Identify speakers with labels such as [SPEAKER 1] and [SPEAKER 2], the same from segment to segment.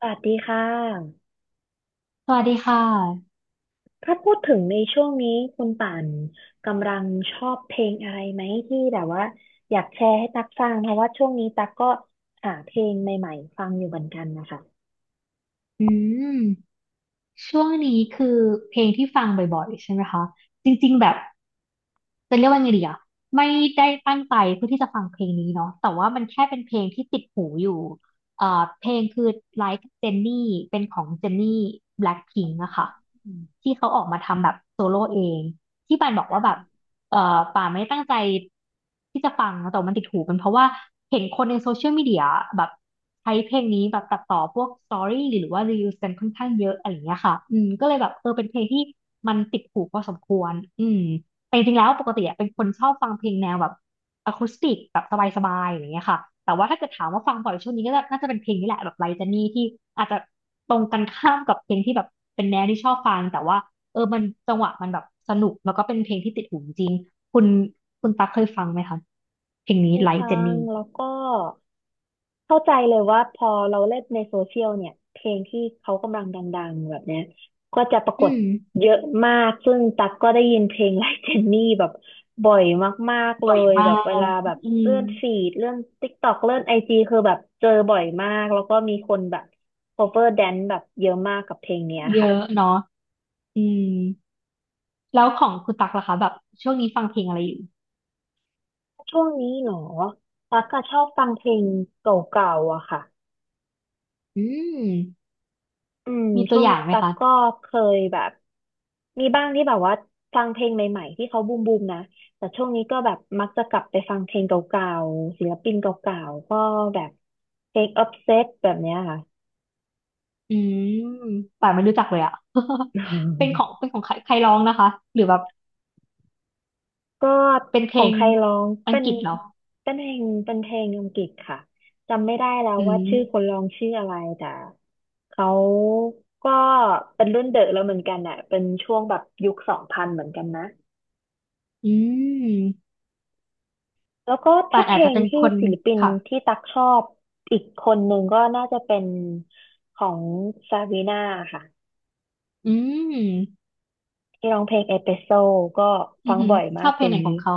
[SPEAKER 1] สวัสดีค่ะ
[SPEAKER 2] สวัสดีค่ะ
[SPEAKER 1] ถ้าพูดถึงในช่วงนี้คุณป่านกำลังชอบเพลงอะไรไหมที่แบบว่าอยากแชร์ให้ตักฟังเพราะว่าช่วงนี้ตักก็หาเพลงใหม่ๆฟังอยู่เหมือนกันนะคะ
[SPEAKER 2] อืมช่วงนี้คือเพลงที่ฟังบ่อยๆใช่ไหมคะ จริงๆแบบ จะเรียกว่าไงดีอ่ะไม่ได้ตั้งใจเพื่อที่จะฟังเพลงนี้เนาะแต่ว่ามันแค่เป็นเพลงที่ติดหูอยู่เอ่อเพลงคือ Like Jennie เป็นของ Jenny Blackpink อะค่ะที่เขาออกมาทำแบบโซโล่เองที่ปานบอกว่าแบบป่านไม่ได้ตั้งใจที่จะฟังแต่ว่ามันติดหูเป็นเพราะว่าเห็นคนในโซเชียลมีเดียแบบใช้เพลงนี้แบบตัดต่อพวกสตอรี่หรือว่ารีวิวกันค่อนข้างเยอะอะไรอย่างเงี้ยค่ะอืมก็เลยแบบเออเป็นเพลงที่มันติดหูพอสมควรอืม แต่จริงๆแล้วปกติอะเป็นคนชอบฟังเพลงแนวแบบอะคูสติกแบบสบายๆอย่างเงี้ยค่ะแต่ว่าถ้าเกิดถามว่าฟังบ่อยช่วงนี้ก็น่าจะเป็นเพลงนี้แหละแบบไลจานี่ที่อาจจะตรงกันข้ามกับเพลงที่แบบเป็นแนวที่ชอบฟังแต่ว่าเออมันจังหวะมันแบบสนุกแล้วก็เป็นเพลงที่ติดหูจริงคุณคุณตั๊กเคยฟังไหมคะเพลง
[SPEAKER 1] ไป
[SPEAKER 2] นี้ไล
[SPEAKER 1] ฟั
[SPEAKER 2] จา
[SPEAKER 1] ง
[SPEAKER 2] นี่
[SPEAKER 1] แล้วก็เข้าใจเลยว่าพอเราเล่นในโซเชียลเนี่ยเพลงที่เขากำลังดังๆแบบเนี้ยก็จะปราก
[SPEAKER 2] อื
[SPEAKER 1] ฏ
[SPEAKER 2] ม
[SPEAKER 1] เยอะมากซึ่งตักก็ได้ยินเพลงไลค์เจนนี่แบบบ่อยมากๆเล
[SPEAKER 2] บ่อย
[SPEAKER 1] ย
[SPEAKER 2] มา
[SPEAKER 1] แบบเว
[SPEAKER 2] ก
[SPEAKER 1] ลาแบบ
[SPEAKER 2] อื
[SPEAKER 1] เลื่
[SPEAKER 2] ม
[SPEAKER 1] อนฟีดเลื่อน TikTok เลื่อนไอจีคือแบบเจอบ่อยมากแล้วก็มีคนแบบ cover dance แบบเยอะมากกับเพลงเนี้ย
[SPEAKER 2] เย
[SPEAKER 1] ค่ะ
[SPEAKER 2] อะเนาะอืมแล้วของคุณตั๊กล่ะคะแบบช่วงนี้ฟังเพลงอะไรอยู่
[SPEAKER 1] ช่วงนี้เหรอตักก็ชอบฟังเพลงเก่าๆอะค่ะ
[SPEAKER 2] อืม
[SPEAKER 1] อืม
[SPEAKER 2] มีตั
[SPEAKER 1] ช่
[SPEAKER 2] ว
[SPEAKER 1] วง
[SPEAKER 2] อย่า
[SPEAKER 1] นี้
[SPEAKER 2] งไหม
[SPEAKER 1] ตั๊ก
[SPEAKER 2] คะ
[SPEAKER 1] ก็เคยแบบมีบ้างที่แบบว่าฟังเพลงใหม่ๆที่เขาบูมบูมนะแต่ช่วงนี้ก็แบบมักจะกลับไปฟังเพลงเก่าๆศิลปินเก่าๆก็แบบเพลง Obsessed แบบเนี้ยค่ะ
[SPEAKER 2] อืมป่านไม่รู้จักเลยอ่ะ
[SPEAKER 1] อื
[SPEAKER 2] เป็นของ
[SPEAKER 1] ม
[SPEAKER 2] เป็นของใครใครร้องนะคะหรือแบบ
[SPEAKER 1] ก็
[SPEAKER 2] เป็น
[SPEAKER 1] ข
[SPEAKER 2] เพล
[SPEAKER 1] อง
[SPEAKER 2] ง
[SPEAKER 1] ใครร้อง
[SPEAKER 2] อัง
[SPEAKER 1] เป็น
[SPEAKER 2] กฤษเหรอ
[SPEAKER 1] เป็นเพลงเป็นเพลงอังกฤษค่ะจำไม่ได้แล้ว
[SPEAKER 2] อื
[SPEAKER 1] ว่าชื่อคน
[SPEAKER 2] ม
[SPEAKER 1] ร้องชื่ออะไรแต่เขาก็เป็นรุ่นเดอะแล้วเหมือนกันอ่ะเป็นช่วงแบบยุค 2000เหมือนกันนะ
[SPEAKER 2] อืม
[SPEAKER 1] แล้วก็
[SPEAKER 2] ป่า
[SPEAKER 1] ถ้า
[SPEAKER 2] น
[SPEAKER 1] เพ
[SPEAKER 2] อาจ
[SPEAKER 1] ล
[SPEAKER 2] จะ
[SPEAKER 1] ง
[SPEAKER 2] เป็น
[SPEAKER 1] ที่
[SPEAKER 2] คน
[SPEAKER 1] ศิลปิน
[SPEAKER 2] ค่ะ
[SPEAKER 1] ที่ตักชอบอีกคนหนึ่งก็น่าจะเป็นของซาวีนาค่ะ
[SPEAKER 2] อืม
[SPEAKER 1] ที่ร้องเพลงเอสเปรสโซก็
[SPEAKER 2] อื
[SPEAKER 1] ฟั
[SPEAKER 2] อ
[SPEAKER 1] ง
[SPEAKER 2] หือ
[SPEAKER 1] บ่อย
[SPEAKER 2] ช
[SPEAKER 1] มา
[SPEAKER 2] อ
[SPEAKER 1] ก
[SPEAKER 2] บ
[SPEAKER 1] เพ
[SPEAKER 2] เพล
[SPEAKER 1] ล
[SPEAKER 2] ง
[SPEAKER 1] ง
[SPEAKER 2] ไหนขอ
[SPEAKER 1] นี้
[SPEAKER 2] งเขา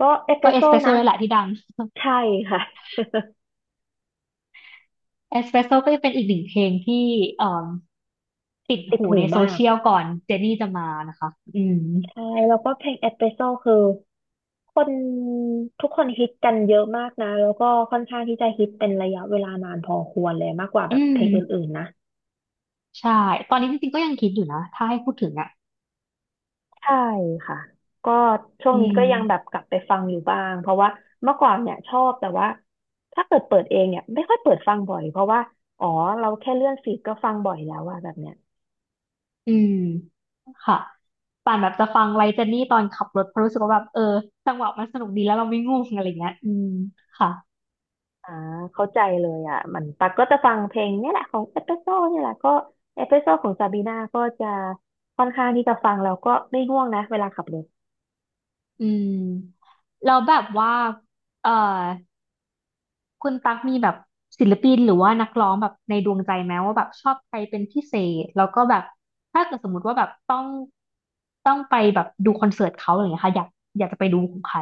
[SPEAKER 1] ก็เอสเปร
[SPEAKER 2] ก็
[SPEAKER 1] ส
[SPEAKER 2] เอ
[SPEAKER 1] โซ
[SPEAKER 2] สเปรสโซ่
[SPEAKER 1] นะ
[SPEAKER 2] นี่แหละที่ดัง
[SPEAKER 1] ใช่ค่ะ
[SPEAKER 2] เอสเปรสโซ่ก็จะเป็นอีกหนึ่งเพลงที่เอ่อติด
[SPEAKER 1] ติด
[SPEAKER 2] หู
[SPEAKER 1] หู
[SPEAKER 2] ในโซ
[SPEAKER 1] มาก
[SPEAKER 2] เชียลก่อนเจนนี่จะมานะคะอืม
[SPEAKER 1] ใช่แล้วก็เพลงเอสเปรสโซคือคนทุกคนฮิตกันเยอะมากนะแล้วก็ค่อนข้างที่จะฮิตเป็นระยะเวลานานพอควรเลยมากกว่าแบ
[SPEAKER 2] อื
[SPEAKER 1] บเพลงอ
[SPEAKER 2] ม
[SPEAKER 1] ื่นๆนะ
[SPEAKER 2] ใช่ตอนนี้จริงๆก็ยังคิดอยู่นะถ้าให้พูดถึงอ่ะ
[SPEAKER 1] ใช่ค่ะก็ช่วง
[SPEAKER 2] อื
[SPEAKER 1] นี้ก็
[SPEAKER 2] ม
[SPEAKER 1] ยังแบบกลับไปฟังอยู่บ้างเพราะว่าเมื่อก่อนเนี่ยชอบแต่ว่าถ้าเกิดเปิดเองเนี่ยไม่ค่อยเปิดฟังบ่อยเพราะว่าอ๋อเราแค่เลื่อนฟีดก็ฟังบ่อยแล้วอะแบบเนี้ย
[SPEAKER 2] อืมค่ะป่านแบบจะฟังไลเจนนี่ตอนขับรถเพราะรู้สึกว่าแบบเออจังหวะมันสนุกดีแล้วเราไม่ง่วงอะไรเงี้ยอืมค่ะ
[SPEAKER 1] อ่าเข้าใจเลยอ่ะมันปักก็จะฟังเพลงเนี่ยแหละของเอสเปรสโซ่เนี่ยแหละก็เอสเปรสโซ่ของซาบีนาก็จะค่อนข้างที่จะฟังแล้วก็ไม่ง่วงนะเวลาขับรถ
[SPEAKER 2] อืมแล้วแบบว่าเอ่อคุณตั๊กมีแบบศิลปินหรือว่านักร้องแบบในดวงใจไหมว่าแบบชอบใครเป็นพิเศษแล้วก็แบบถ้าเกิดสมมติว่าแบบต้องไปแบบดูคอนเสิร์ตเขาอะไรเงี้ยค่ะอยากจะไปดูของใคร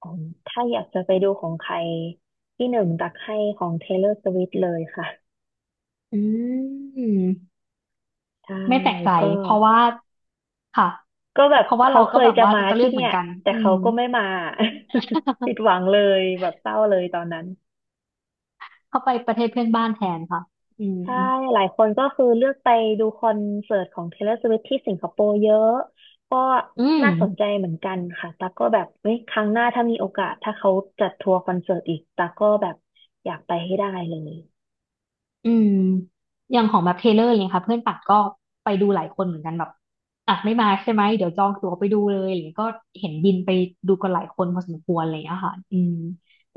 [SPEAKER 1] อ๋อถ้าอยากจะไปดูของใครที่หนึ่งตักให้ของ Taylor Swift เลยค่ะ
[SPEAKER 2] อืม
[SPEAKER 1] ใช่
[SPEAKER 2] ไม่แปลกใจ
[SPEAKER 1] ก็
[SPEAKER 2] เพราะว่าค่ะ
[SPEAKER 1] ก็แบบ
[SPEAKER 2] เพราะว่า
[SPEAKER 1] เขา
[SPEAKER 2] เรา
[SPEAKER 1] เค
[SPEAKER 2] ก็
[SPEAKER 1] ย
[SPEAKER 2] แบบ
[SPEAKER 1] จะ
[SPEAKER 2] ว่า
[SPEAKER 1] มา
[SPEAKER 2] จะเลื
[SPEAKER 1] ที่
[SPEAKER 2] อกเห
[SPEAKER 1] เนี่
[SPEAKER 2] มือ
[SPEAKER 1] ย
[SPEAKER 2] นกัน
[SPEAKER 1] แต่
[SPEAKER 2] อื
[SPEAKER 1] เขา
[SPEAKER 2] ม
[SPEAKER 1] ก็ไม่มา ผิดหวังเลยแบบเศร้าเลยตอนนั้น
[SPEAKER 2] เขาไปประเทศเพื่อนบ้านแทนค่ะอื
[SPEAKER 1] ใช่
[SPEAKER 2] ม
[SPEAKER 1] หลายคนก็คือเลือกไปดูคอนเสิร์ตของ Taylor Swift ที่สิงคโปร์เยอะก็
[SPEAKER 2] อืม
[SPEAKER 1] น่าสนใจเหมือนกันค่ะตากก็แบบเฮ้ยครั้งหน้าถ้ามีโอกาสถ้าเขาจัดทัวร์คอนเสิร์ตอีกตากก็แบบอยากไปให้ได้เลย
[SPEAKER 2] อืมอย่างของแบบเทเลอร์เลยค่ะ เพื่อนปัดก็ไปดูหลายคนเหมือนกันแบบอ่ะไม่มาใช่ไหม เดี๋ยวจองตั๋วไปดูเลยอะไรอย่างเงี้ยก็เห็นบินไปดูกันหลายคนพอสมควรอะไรอย่างเลยอะค่ะอืม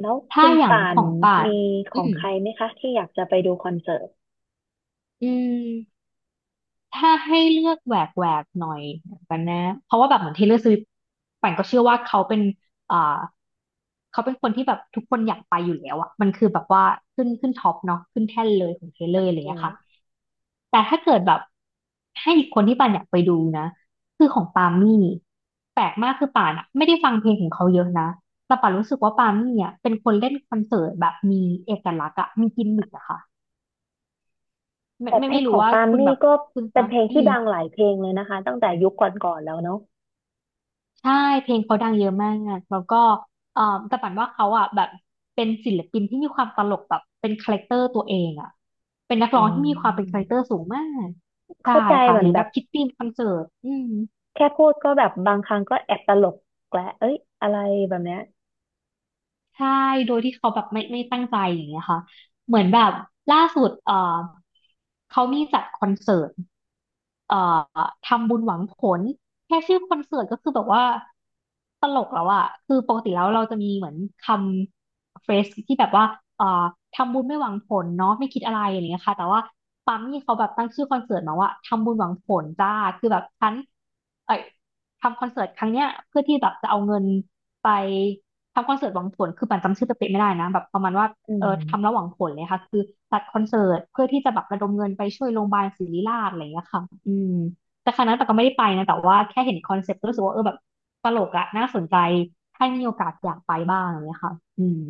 [SPEAKER 1] แล้ว
[SPEAKER 2] ถ้า
[SPEAKER 1] คุณ
[SPEAKER 2] อย่าง
[SPEAKER 1] ป่า
[SPEAKER 2] ข
[SPEAKER 1] น
[SPEAKER 2] องป่าน
[SPEAKER 1] มีข
[SPEAKER 2] อื
[SPEAKER 1] อง
[SPEAKER 2] ม
[SPEAKER 1] ใครไหมคะที่อยากจะไปดูคอนเสิร์ต
[SPEAKER 2] อืม ถ้าให้เลือกแหวกแหวกหน่อยกันนะเพราะว่าแบบเหมือน Taylor Swift ปั่นก็เชื่อว่าเขาเป็นอ่าเขาเป็นคนที่แบบทุกคนอยากไปอยู่แล้วอะมันคือแบบว่าขึ้นท็อปเนาะขึ้นแท่นเลยของ Taylor อร์อะไร
[SPEAKER 1] อื
[SPEAKER 2] เงี้ยค่ะ
[SPEAKER 1] ม
[SPEAKER 2] แต่ถ้าเกิดแบบให้อีกคนที่ป่านอยากไปดูนะคือของปามี่แปลกมากคือป่านอะไม่ได้ฟังเพลงของเขาเยอะนะแต่ป่านรู้สึกว่าปามี่อะเป็นคนเล่นคอนเสิร์ตแบบมีเอกลักษณ์อะมีกิมมิคอะค่ะไม่
[SPEAKER 1] แต่
[SPEAKER 2] ไม่
[SPEAKER 1] เพล
[SPEAKER 2] ไม่
[SPEAKER 1] งข
[SPEAKER 2] รู้
[SPEAKER 1] อง
[SPEAKER 2] ว่า
[SPEAKER 1] ปาล์ม
[SPEAKER 2] คุณแบ
[SPEAKER 1] มี่
[SPEAKER 2] บ
[SPEAKER 1] ก็
[SPEAKER 2] คุณ
[SPEAKER 1] เป็
[SPEAKER 2] ฟั
[SPEAKER 1] น
[SPEAKER 2] ง
[SPEAKER 1] เพลง
[SPEAKER 2] อื
[SPEAKER 1] ที่
[SPEAKER 2] ม
[SPEAKER 1] ดังหลายเพลงเลยนะคะตั้งแต่ยุคก่อนๆแล้วเนาะ
[SPEAKER 2] ใช่เพลงเขาดังเยอะมากอะแล้วก็เอ่อแต่ปันว่าเขาอ่ะแบบเป็นศิลปินที่มีความตลกแบบเป็นคาแรคเตอร์ตัวเองอ่ะเป็นนัก
[SPEAKER 1] อื
[SPEAKER 2] ร้องที่มีความเป็นคา
[SPEAKER 1] ม
[SPEAKER 2] แรคเตอร์สูงมากใช่
[SPEAKER 1] เข้าใจ
[SPEAKER 2] ค่ะ
[SPEAKER 1] เหมื
[SPEAKER 2] ห
[SPEAKER 1] อ
[SPEAKER 2] รื
[SPEAKER 1] น
[SPEAKER 2] อ
[SPEAKER 1] แบ
[SPEAKER 2] แบ
[SPEAKER 1] บ
[SPEAKER 2] บคิดธีมคอนเสิร์ตอืม
[SPEAKER 1] แค่พูดก็แบบบางครั้งก็แอบตลกแกละเอ้ยอะไรแบบเนี้ย
[SPEAKER 2] ใช่โดยที่เขาแบบไม่ตั้งใจอย่างเงี้ยค่ะเหมือนแบบล่าสุดเขามีจัดคอนเสิร์ต เอ่อทำบุญหวังผลแค่ชื่อคอนเสิร์ตก็คือแบบว่าตลกแล้วอะคือปกติแล้วเราจะมีเหมือนคำเฟสที่แบบว่าเอ่อทำบุญไม่หวังผลเนาะไม่คิดอะไรอย่างเงี้ยค่ะแต่ว่าปั๊มนี่เขาแบบตั้งชื่อคอนเสิร์ตมาว่าทำบุญหวังผลจ้าคือแบบฉันเอ้ยทำคอนเสิร์ตครั้งเนี้ยเพื่อที่แบบจะเอาเงินไปทำคอนเสิร์ตหวังผลคือปั่นจำชื่อเป๊ะๆไม่ได้นะแบบประมาณว่า
[SPEAKER 1] อืม
[SPEAKER 2] ทำระหว่างผลเลยค่ะคือจัดคอนเสิร์ตเพื่อที่จะแบบระดมเงินไปช่วยโรงพยาบาลศิริราชอะไรอย่างเงี้ยค่ะอืมแต่ครั้งนั้นแต่ก็ไม่ได้ไปนะแต่ว่าแค่เห็นคอนเซ็ปต์ก็รู้สึกว่าเออแบบตลกอะน่าสนใจถ้ามีโอกาสอยากไปบ้างอะไรอย่างเงี้ยค่ะอืม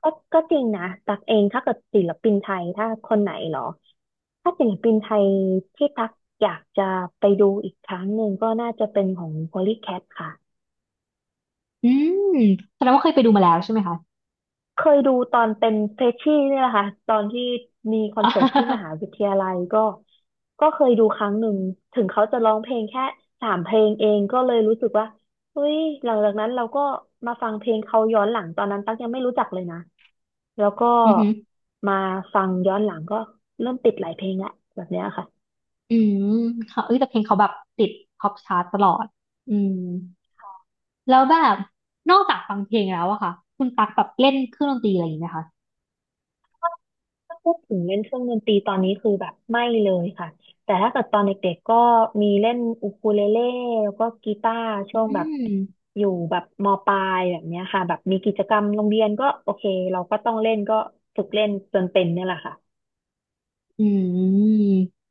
[SPEAKER 1] ก็ก็จริงนะตักเองถ้าเกิดศิลปินไทยถ้าคนไหนเหรอถ้าศิลปินไทยที่ตักอยากจะไปดูอีกครั้งหนึ่งก็น่าจะเป็นของ Polycat ค่ะ
[SPEAKER 2] อืมแสดงว่าเคยไปดูมาแล้วใช่ไหมคะ
[SPEAKER 1] เคยดูตอนเป็นเฟรชชี่เนี่ยแหละค่ะตอนที่มีคอน
[SPEAKER 2] อา
[SPEAKER 1] เสิร์ตที่มหาวิทยาลัยก็ก็เคยดูครั้งหนึ่งถึงเขาจะร้องเพลงแค่3 เพลงเองก็เลยรู้สึกว่าเฮ้ยหลังจากนั้นเราก็มาฟังเพลงเขาย้อนหลังตอนนั้นตั๊กยังไม่รู้จักเลยนะแล้วก็
[SPEAKER 2] อือหือ
[SPEAKER 1] มาฟังย้อนหลังก็เริ่มติดหลายเพลงแหละแบบเนี้ยค่ะ
[SPEAKER 2] อืมค่ะเอ้ยแต่เพลงเขาแบบติดท็อปชาร์ตตลอดอืมแล้วแบบนอกจากฟังเพลงแล้วอะค่ะคุณตักแบบเล่นเครื่องดนตรีอะไรอย่างนี้ไหมคะ
[SPEAKER 1] ถ้าพูดถึงเล่นเครื่องดนตรีตอนนี้คือแบบไม่เลยค่ะแต่ถ้าเกิดตอนเด็กๆก็มีเล่นอูคูเลเล่แล้วก็กีตาร์ช่
[SPEAKER 2] อื
[SPEAKER 1] วงแบบ
[SPEAKER 2] ม
[SPEAKER 1] อยู่แบบมปลายแบบเนี้ยค่ะแบบมีกิจกรรมโรงเรียนก็โอเคเราก็ต้องเล่นก็ฝึกเล่นจนเป็นเนี่ยแหละค่ะ
[SPEAKER 2] อืม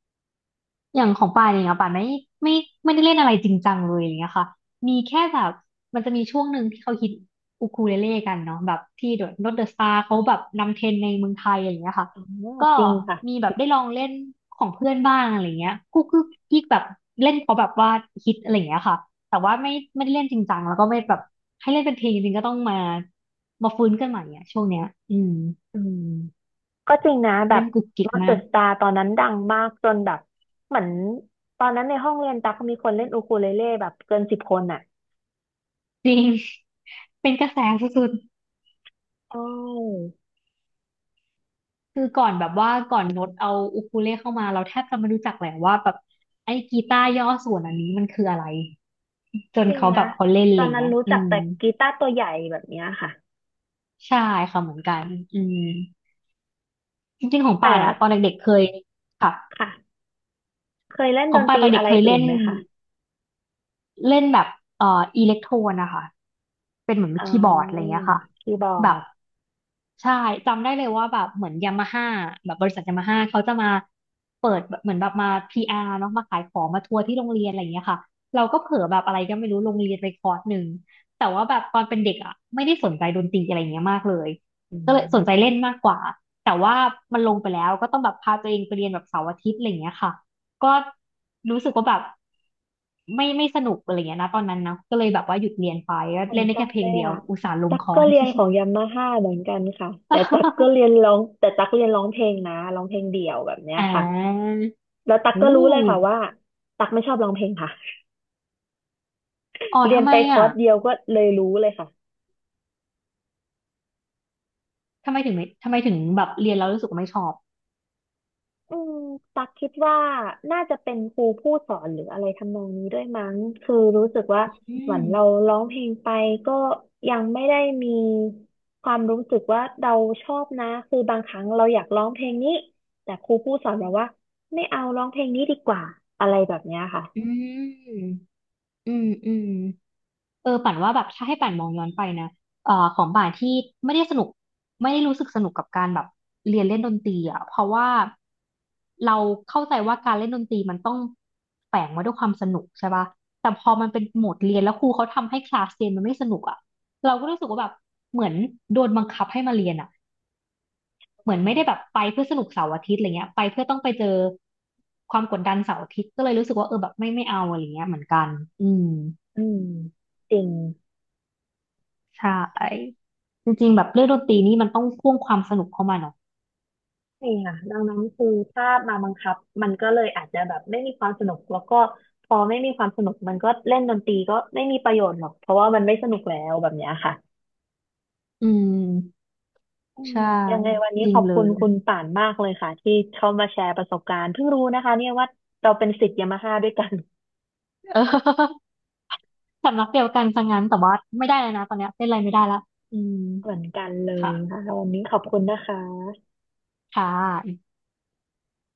[SPEAKER 2] อย่างของป่านเองอะป่านไม่ไม่ได้เล่นอะไรจริงจังเลยอย่างเงี้ยค่ะมีแค่แบบมันจะมีช่วงหนึ่งที่เขาฮิตอูคูเลเล่กันเนาะแบบที่เดอะโนดเดอะสตาร์เขาแบบนำเทรนด์ในเมืองไทยอย่างเงี้ยค่ะ
[SPEAKER 1] อ๋อ
[SPEAKER 2] ก็
[SPEAKER 1] จริงค่ะ
[SPEAKER 2] มีแบบได้ลองเล่นของเพื่อนบ้างอะไรเงี้ยกุ๊กกิ๊กกิ๊กแบบเล่นเขาแบบว่าฮิตอะไรเงี้ยค่ะแต่ว่าไม่ไม่ได้เล่นจริงจังแล้วก็ไม่แบบให้เล่นเป็นเพลงจริงๆก็ต้องมาฟื้นกันใหม่อะช่วงเนี้ยอืม
[SPEAKER 1] อืมก็จริงนะแบ
[SPEAKER 2] เล่
[SPEAKER 1] บ
[SPEAKER 2] นกุ๊กกิ๊ก
[SPEAKER 1] Not
[SPEAKER 2] มา
[SPEAKER 1] the
[SPEAKER 2] ก
[SPEAKER 1] Star ตอนนั้นดังมากจนแบบเหมือนตอนนั้นในห้องเรียนตักมีคนเล่นอูคูเลเล่แบบเกิน 10 คนอ่ะ
[SPEAKER 2] จริง เป็นกระแสสุด
[SPEAKER 1] ใช่
[SPEAKER 2] คือก่อนแบบว่าก่อนโน้ตเอาอูคูเลเข้ามาเราแทบจะไม่รู้จักแหละว่าแบบไอ้กีตาร์ย่อส่วนอันนี้มันคืออะไรจน
[SPEAKER 1] จริง
[SPEAKER 2] เขาแบ
[SPEAKER 1] นะ
[SPEAKER 2] บเขาเล่นอะ
[SPEAKER 1] ตอ
[SPEAKER 2] ไรอ
[SPEAKER 1] น
[SPEAKER 2] ย่าง
[SPEAKER 1] นั้น
[SPEAKER 2] เงี้ย
[SPEAKER 1] รู้
[SPEAKER 2] อื
[SPEAKER 1] จัก
[SPEAKER 2] ม
[SPEAKER 1] แต่กีตาร์ตัวใหญ่แบบเนี้ยค่ะ
[SPEAKER 2] ใช่ค่ะเหมือนกันอืมจริงๆของ
[SPEAKER 1] แต่
[SPEAKER 2] ป่านอะตอนเด็กๆเคยค่ะ
[SPEAKER 1] ค่ะเคยเล่น
[SPEAKER 2] ข
[SPEAKER 1] ด
[SPEAKER 2] อง
[SPEAKER 1] นต
[SPEAKER 2] ป่าน
[SPEAKER 1] รี
[SPEAKER 2] ตอนเด็
[SPEAKER 1] อะ
[SPEAKER 2] ก
[SPEAKER 1] ไร
[SPEAKER 2] เคย
[SPEAKER 1] อื่
[SPEAKER 2] เล่
[SPEAKER 1] น
[SPEAKER 2] น
[SPEAKER 1] ไหมคะ
[SPEAKER 2] เล่นแบบอิเล็กโทรนนะคะเป็นเหมือน
[SPEAKER 1] อ๋อ
[SPEAKER 2] คีย์บอร์ดอะไรเงี้ยค่ะ
[SPEAKER 1] คีย์บอ
[SPEAKER 2] แบบ
[SPEAKER 1] ร์ด
[SPEAKER 2] ใช่จำได้เลยว่าแบบเหมือนยามาฮ่าแบบบริษัทยามาฮ่าเขาจะมาเปิดแบบเหมือนแบบมา PR เนาะมาขายของมาทัวร์ที่โรงเรียนอะไรอย่างเงี้ยค่ะเราก็เผลอแบบอะไรก็ไม่รู้ลงเรียนไปคอร์สหนึ่งแต่ว่าแบบตอนเป็นเด็กอ่ะไม่ได้สนใจดนตรีอะไรอย่างเงี้ยมากเลย
[SPEAKER 1] อื
[SPEAKER 2] ก็เลยสนใจ
[SPEAKER 1] ม
[SPEAKER 2] เล่นมากกว่าแต่ว่ามันลงไปแล้วก็ต้องแบบพาตัวเองไปเรียนแบบเสาร์อาทิตย์อะไรอย่างเงี้ยค่ะก็รู้สึกว่าแบบไม่ไม่สนุกอะไรอย่างเงี้ยนะตอนนั้นนะก็เลยแบบว่าหยุดเรียนไปก็
[SPEAKER 1] เหมือ
[SPEAKER 2] เล่
[SPEAKER 1] น
[SPEAKER 2] นได้
[SPEAKER 1] กั
[SPEAKER 2] แค่
[SPEAKER 1] น
[SPEAKER 2] เพล
[SPEAKER 1] เล
[SPEAKER 2] ง
[SPEAKER 1] ย
[SPEAKER 2] เดียว
[SPEAKER 1] อ่ะ
[SPEAKER 2] อุตส่าห์ลง
[SPEAKER 1] ตั๊ก
[SPEAKER 2] คอ
[SPEAKER 1] ก็
[SPEAKER 2] ร์
[SPEAKER 1] เรียนของยามาฮ่าเหมือนกันค่ะแต่ตั๊กก็เรี
[SPEAKER 2] ส
[SPEAKER 1] ยนร้องแต่ตั๊กเรียนร้องเพลงนะร้องเพลงเดี่ยวแบบเนี้ย
[SPEAKER 2] อ่
[SPEAKER 1] ค่ะ
[SPEAKER 2] า
[SPEAKER 1] แล้วตั๊ก
[SPEAKER 2] โอ้
[SPEAKER 1] ก็รู้เลยค่ะว่าตั๊กไม่ชอบร้องเพลงค่ะ
[SPEAKER 2] อ๋อ
[SPEAKER 1] เรีย
[SPEAKER 2] ทำ
[SPEAKER 1] น
[SPEAKER 2] ไม
[SPEAKER 1] ไปค
[SPEAKER 2] อ่ะ
[SPEAKER 1] อร์สเดียวก็เลยรู้เลยค่ะ
[SPEAKER 2] ทำไมถึงไม่ทำไมถึงแบบเรียนแล้วรู้สึกว่าไม่ชอบ
[SPEAKER 1] อืมตักคิดว่าน่าจะเป็นครูผู้สอนหรืออะไรทำนองนี้ด้วยมั้งคือรู้สึกว่า
[SPEAKER 2] อื
[SPEAKER 1] เหมือนเรา
[SPEAKER 2] ม
[SPEAKER 1] ร้องเพลงไปก็ยังไม่ได้มีความรู้สึกว่าเราชอบนะคือบางครั้งเราอยากร้องเพลงนี้แต่ครูผู้สอนบอกว่าไม่เอาร้องเพลงนี้ดีกว่า อะไรแบบเนี้ยค่ะ
[SPEAKER 2] อืมอืมอืมเออป่านว่าแบบถ้าให้ป่านมองย้อนไปนะของป่านที่ไม่ได้สนุกไม่ได้รู้สึกสนุกกับการแบบเรียนเล่นดนตรีอ่ะเพราะว่าเราเข้าใจว่าการเล่นดนตรีมันต้องแฝงมาด้วยความสนุกใช่ป่ะแต่พอมันเป็นโหมดเรียนแล้วครูเขาทำให้คลาสเรียนมันไม่สนุกอ่ะเราก็รู้สึกว่าแบบเหมือนโดนบังคับให้มาเรียนอ่ะ เห
[SPEAKER 1] อื
[SPEAKER 2] มือนไม่ได้แบบ
[SPEAKER 1] ม
[SPEAKER 2] ไปเพื่อสนุกเสาร์อาทิตย์อะไรเงี้ยไปเพื่อต้องไปเจอความกดดันเสาร์อาทิตย์ก็เลยรู้สึกว่าเออแบบไม่ไม่เอาอะไรเงี้ยเหมือนกันอืม
[SPEAKER 1] อืม จริง
[SPEAKER 2] ใช่จริงๆแบบเรื่องดนตรีนี่มันต้องพ่วงความสนุกเข้ามาเนาะ
[SPEAKER 1] ใช่ค่ะดังนั้นคือถ้ามาบังคับมันก็เลยอาจจะแบบไม่มีความสนุกแล้วก็พอไม่มีความสนุกมันก็เล่นดนตรีก็ไม่มีประโยชน์หรอกเพราะว่ามันไม่สนุกแล้วแบบเนี้ยค่ะ
[SPEAKER 2] อืม
[SPEAKER 1] อืม
[SPEAKER 2] ใช่
[SPEAKER 1] ยังไงวันนี้
[SPEAKER 2] จริ
[SPEAKER 1] ข
[SPEAKER 2] ง
[SPEAKER 1] อบ
[SPEAKER 2] เล
[SPEAKER 1] คุณ
[SPEAKER 2] ย
[SPEAKER 1] คุณ ป่านมากเลยค่ะที่เข้ามาแชร์ประสบการณ์เพิ่งรู้นะคะเนี่ยว่าเราเป็นศิษย์ยามาฮ่าด้วยกัน
[SPEAKER 2] เออสำนักเดียวกันซะงั้นแต่ว่าไม่ได้เลยนะตอนเนี้ยเต้นอะไรไม่ได้ละอืม
[SPEAKER 1] เหมือนกันเลย
[SPEAKER 2] ค่ะ
[SPEAKER 1] ค่ะวันนี้ขอบคุณนะคะ
[SPEAKER 2] ค่ะ